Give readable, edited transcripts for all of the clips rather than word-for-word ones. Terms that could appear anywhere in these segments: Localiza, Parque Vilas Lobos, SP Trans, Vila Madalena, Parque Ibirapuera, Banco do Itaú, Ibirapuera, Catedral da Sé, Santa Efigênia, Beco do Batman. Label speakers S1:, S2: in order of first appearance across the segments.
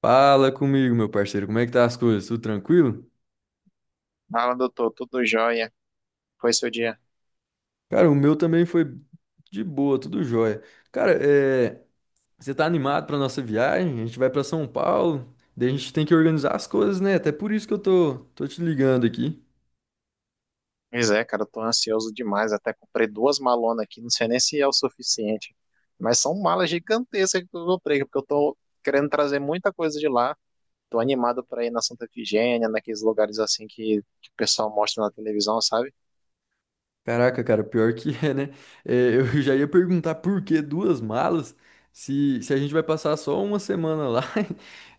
S1: Fala comigo, meu parceiro, como é que tá as coisas? Tudo tranquilo?
S2: Fala, doutor, tudo jóia? Foi seu dia?
S1: Cara, o meu também foi de boa, tudo jóia. Cara, você tá animado pra nossa viagem? A gente vai pra São Paulo, daí a gente tem que organizar as coisas, né? Até por isso que eu tô te ligando aqui.
S2: Pois é, cara, eu tô ansioso demais. Até comprei duas malonas aqui, não sei nem se é o suficiente. Mas são malas gigantescas que eu comprei, porque eu tô querendo trazer muita coisa de lá. Tô animado pra ir na Santa Efigênia, naqueles lugares assim que o pessoal mostra na televisão, sabe?
S1: Caraca, cara, pior que é, né? É, eu já ia perguntar por que duas malas se a gente vai passar só uma semana lá.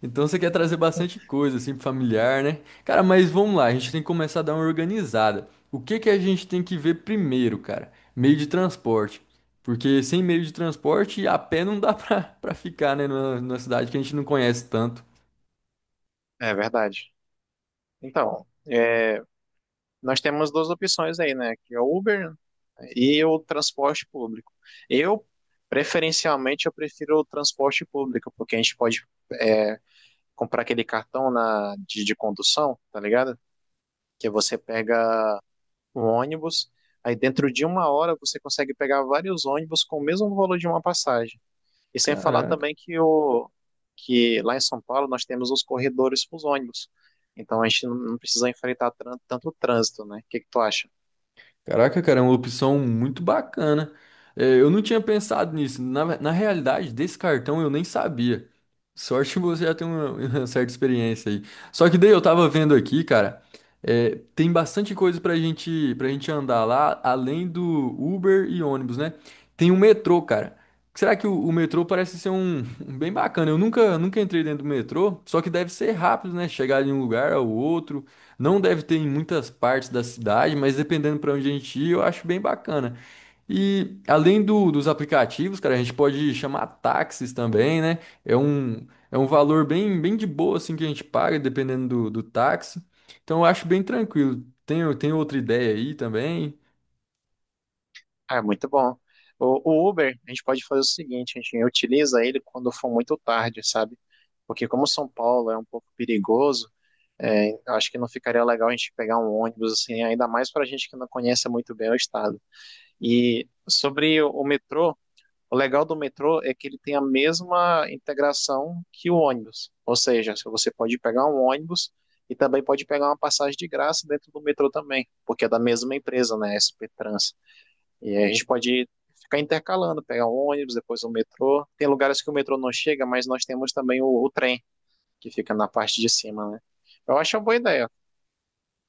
S1: Então você quer trazer bastante coisa, assim, pro familiar, né? Cara, mas vamos lá, a gente tem que começar a dar uma organizada. O que que a gente tem que ver primeiro, cara? Meio de transporte. Porque sem meio de transporte, a pé não dá pra, pra ficar, né? Numa cidade que a gente não conhece tanto.
S2: É verdade. Então, é, nós temos duas opções aí, né? Que é o Uber e o transporte público. Eu, preferencialmente, eu prefiro o transporte público, porque a gente pode. É, comprar aquele cartão de condução, tá ligado? Que você pega um ônibus, aí dentro de uma hora você consegue pegar vários ônibus com o mesmo valor de uma passagem. E sem falar
S1: Caraca.
S2: também que, que lá em São Paulo nós temos os corredores para os ônibus. Então a gente não precisa enfrentar tanto trânsito, né? O que que tu acha?
S1: Caraca, cara, é uma opção muito bacana. É, eu não tinha pensado nisso. Na realidade, desse cartão eu nem sabia. Sorte que você já tem uma, uma certa experiência aí. Só que daí eu tava vendo aqui, cara, é, tem bastante coisa pra gente andar lá, além do Uber e ônibus, né? Tem o metrô, cara. Será que o metrô parece ser um, um bem bacana? Eu nunca entrei dentro do metrô, só que deve ser rápido, né? Chegar de um lugar ao outro. Não deve ter em muitas partes da cidade, mas dependendo para onde a gente ir, eu acho bem bacana. E além dos aplicativos, cara, a gente pode chamar táxis também, né? É um, é um valor bem, bem de boa assim que a gente paga, dependendo do táxi. Então eu acho bem tranquilo. Tem outra ideia aí também?
S2: Ah, é muito bom. O Uber, a gente pode fazer o seguinte, a gente utiliza ele quando for muito tarde, sabe? Porque como São Paulo é um pouco perigoso, é, acho que não ficaria legal a gente pegar um ônibus, assim, ainda mais para gente que não conhece muito bem o estado. E sobre o metrô, o legal do metrô é que ele tem a mesma integração que o ônibus. Ou seja, se você pode pegar um ônibus e também pode pegar uma passagem de graça dentro do metrô também, porque é da mesma empresa, né, SP Trans. E aí a gente pode ficar intercalando, pegar um ônibus, depois o metrô. Tem lugares que o metrô não chega, mas nós temos também o trem, que fica na parte de cima, né? Eu acho uma boa ideia.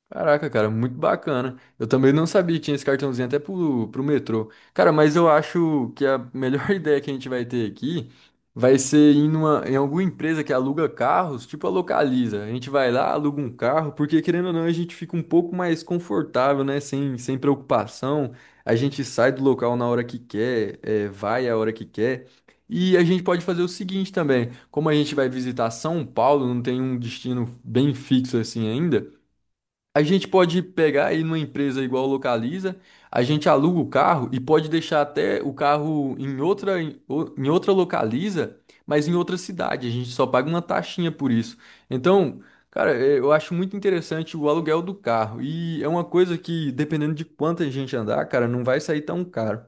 S1: Caraca, cara, muito bacana. Eu também não sabia que tinha esse cartãozinho até pro metrô. Cara, mas eu acho que a melhor ideia que a gente vai ter aqui vai ser ir numa, em alguma empresa que aluga carros, tipo a Localiza. A gente vai lá, aluga um carro, porque querendo ou não, a gente fica um pouco mais confortável, né? Sem preocupação. A gente sai do local na hora que quer, é, vai a hora que quer. E a gente pode fazer o seguinte também, como a gente vai visitar São Paulo, não tem um destino bem fixo assim ainda. A gente pode pegar aí numa empresa igual Localiza, a gente aluga o carro e pode deixar até o carro em outra, em outra Localiza, mas em outra cidade. A gente só paga uma taxinha por isso. Então, cara, eu acho muito interessante o aluguel do carro. E é uma coisa que, dependendo de quanta gente andar, cara, não vai sair tão caro.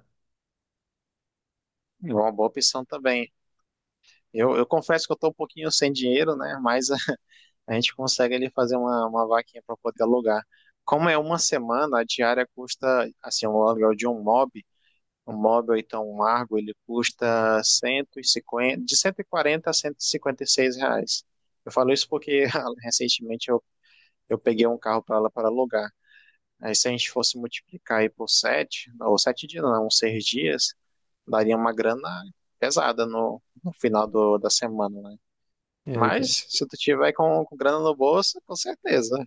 S2: É uma boa opção também. Eu confesso que eu estou um pouquinho sem dinheiro, né? Mas a gente consegue ali fazer uma vaquinha para poder alugar. Como é uma semana, a diária custa, assim, o aluguel de um mob ou então um Argo, ele custa 150 de 140 a cento e cinquenta e seis reais. Eu falo isso porque recentemente eu peguei um carro para lá para alugar. Aí se a gente fosse multiplicar aí por sete, ou sete dias, não, uns seis dias, daria uma grana pesada no final da semana, né?
S1: É, cara.
S2: Mas se tu tiver com grana no bolso, com certeza.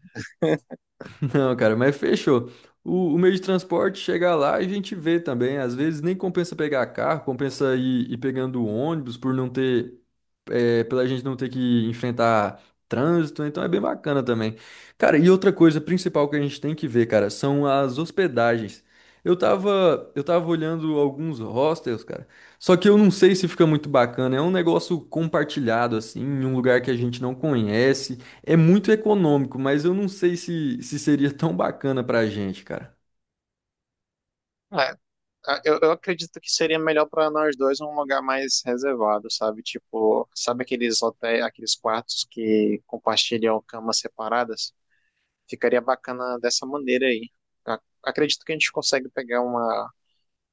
S1: Não, cara, mas fechou. O meio de transporte chegar lá e a gente vê também. Às vezes nem compensa pegar carro, compensa ir, ir pegando ônibus por não ter, é, pela gente não ter que enfrentar trânsito, então é bem bacana também. Cara, e outra coisa principal que a gente tem que ver, cara, são as hospedagens. Eu tava olhando alguns hostels, cara. Só que eu não sei se fica muito bacana. É um negócio compartilhado, assim, em um lugar que a gente não conhece. É muito econômico, mas eu não sei se seria tão bacana pra gente, cara.
S2: É, eu acredito que seria melhor para nós dois um lugar mais reservado, sabe? Tipo, sabe aqueles hotéis, aqueles quartos que compartilham camas separadas? Ficaria bacana dessa maneira aí. Acredito que a gente consegue pegar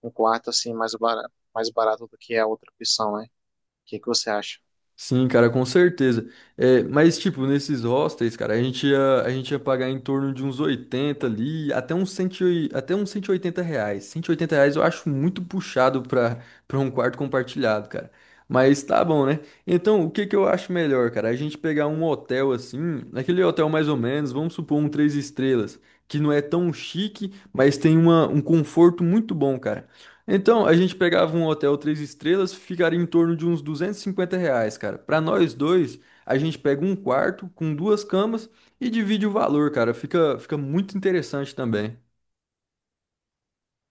S2: um quarto assim mais barato do que a outra opção, né? O que que você acha?
S1: Sim, cara, com certeza. É, mas, tipo, nesses hostels, cara, a gente ia pagar em torno de uns 80 ali, até uns, 108 até uns R$ 180. R$ 180 eu acho muito puxado pra, pra um quarto compartilhado, cara. Mas tá bom, né? Então, o que que eu acho melhor, cara? A gente pegar um hotel assim, aquele hotel mais ou menos, vamos supor um três estrelas, que não é tão chique, mas tem uma, um conforto muito bom, cara. Então, a gente pegava um hotel três estrelas, ficaria em torno de uns R$ 250, cara. Para nós dois, a gente pega um quarto com duas camas e divide o valor, cara. Fica muito interessante também.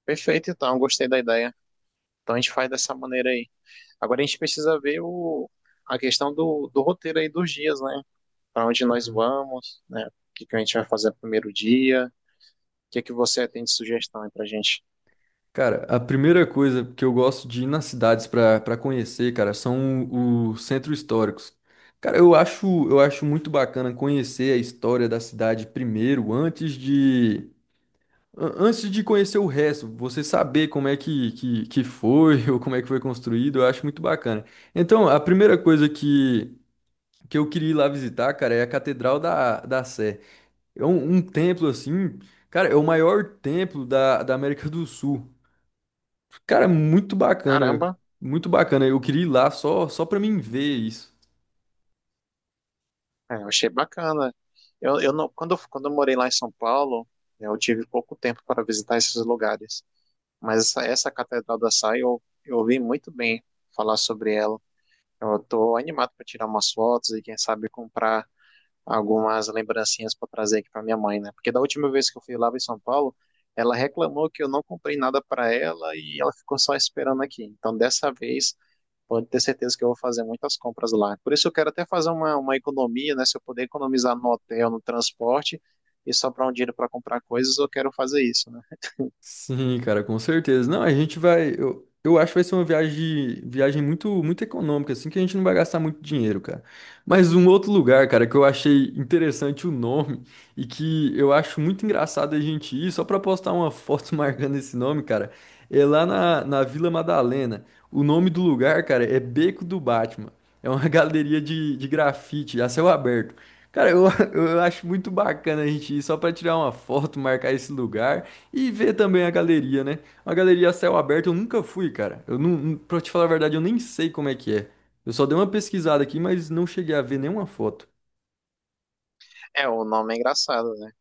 S2: Perfeito, então, gostei da ideia. Então a gente faz dessa maneira aí. Agora a gente precisa ver a questão do roteiro aí dos dias, né? Para onde nós
S1: Uhum.
S2: vamos, né? O que a gente vai fazer no primeiro dia? O que você tem de sugestão aí pra gente?
S1: Cara, a primeira coisa que eu gosto de ir nas cidades para conhecer, cara, são os centros históricos. Cara, eu acho muito bacana conhecer a história da cidade primeiro, antes de, antes de conhecer o resto, você saber como é que, que foi ou como é que foi construído, eu acho muito bacana. Então, a primeira coisa que eu queria ir lá visitar, cara, é a Catedral da Sé. É um, um templo assim, cara, é o maior templo da América do Sul. Cara, muito bacana,
S2: Caramba,
S1: muito bacana. Eu queria ir lá só pra mim ver isso.
S2: é, eu achei bacana. Eu não, quando eu morei lá em São Paulo, né, eu tive pouco tempo para visitar esses lugares. Mas essa Catedral da Sé, eu ouvi muito bem falar sobre ela. Eu tô animado para tirar umas fotos e, quem sabe, comprar algumas lembrancinhas para trazer aqui para minha mãe, né? Porque da última vez que eu fui lá em São Paulo, ela reclamou que eu não comprei nada para ela e ela ficou só esperando aqui. Então, dessa vez, pode ter certeza que eu vou fazer muitas compras lá. Por isso, eu quero até fazer uma economia, né? Se eu puder economizar no hotel, no transporte e sobrar um dinheiro para comprar coisas, eu quero fazer isso, né?
S1: Sim, cara, com certeza. Não, a gente vai. Eu acho que vai ser uma viagem, viagem muito econômica, assim, que a gente não vai gastar muito dinheiro, cara. Mas um outro lugar, cara, que eu achei interessante o nome e que eu acho muito engraçado a gente ir, só pra postar uma foto marcando esse nome, cara, é lá na Vila Madalena. O nome do lugar, cara, é Beco do Batman. É uma galeria de grafite, a céu aberto. Cara, eu acho muito bacana a gente ir só pra tirar uma foto, marcar esse lugar. E ver também a galeria, né? A galeria a céu aberto eu nunca fui, cara. Eu não, não- Pra te falar a verdade, eu nem sei como é que é. Eu só dei uma pesquisada aqui, mas não cheguei a ver nenhuma foto.
S2: É, o nome é engraçado, né?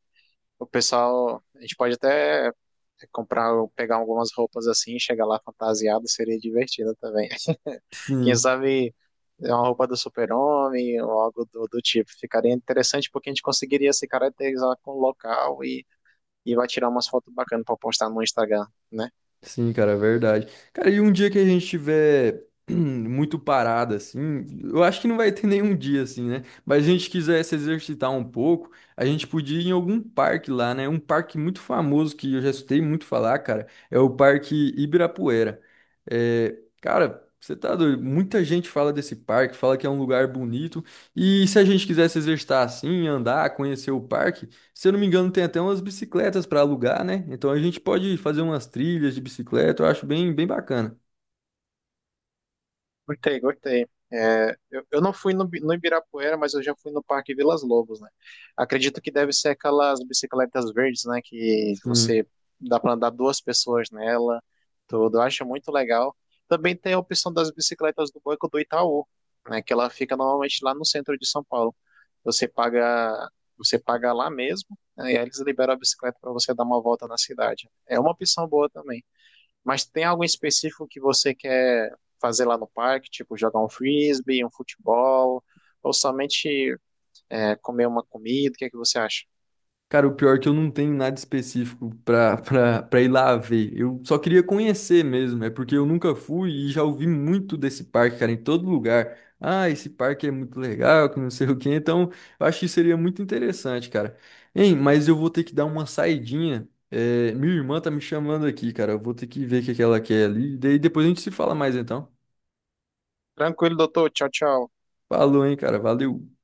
S2: O pessoal, a gente pode até comprar, pegar algumas roupas assim, chegar lá fantasiado, seria divertido também. Quem
S1: Sim.
S2: sabe é uma roupa do super-homem ou algo do tipo. Ficaria interessante porque a gente conseguiria se caracterizar com o local e vai tirar umas fotos bacanas para postar no Instagram, né?
S1: Sim, cara, é verdade. Cara, e um dia que a gente tiver muito parado, assim, eu acho que não vai ter nenhum dia, assim, né? Mas se a gente quiser se exercitar um pouco, a gente podia ir em algum parque lá, né? Um parque muito famoso que eu já escutei muito falar, cara, é o Parque Ibirapuera. É, cara, você tá doido? Muita gente fala desse parque, fala que é um lugar bonito. E se a gente quiser se exercitar assim, andar, conhecer o parque. Se eu não me engano, tem até umas bicicletas para alugar, né? Então a gente pode fazer umas trilhas de bicicleta, eu acho bem, bem bacana.
S2: Gostei, gostei. É, eu não fui no, no Ibirapuera, mas eu já fui no Parque Vilas Lobos, né? Acredito que deve ser aquelas bicicletas verdes, né? Que
S1: Sim.
S2: você dá para andar duas pessoas nela, tudo. Eu acho muito legal. Também tem a opção das bicicletas do Banco do Itaú, né? Que ela fica normalmente lá no centro de São Paulo. Você paga, você paga lá mesmo, né, e aí eles liberam a bicicleta para você dar uma volta na cidade. É uma opção boa também. Mas tem algo em específico que você quer fazer lá no parque, tipo jogar um frisbee, um futebol, ou somente comer uma comida? O que é que você acha?
S1: Cara, o pior é que eu não tenho nada específico para ir lá ver. Eu só queria conhecer mesmo, é porque eu nunca fui e já ouvi muito desse parque, cara, em todo lugar. Ah, esse parque é muito legal, que não sei o quê. Então, eu acho que seria muito interessante, cara. Hein, mas eu vou ter que dar uma saidinha. É, minha irmã tá me chamando aqui, cara. Eu vou ter que ver o que que ela quer ali. Daí depois a gente se fala mais então.
S2: Tranquilo, doutor. Tchau, tchau.
S1: Falou, hein, cara. Valeu.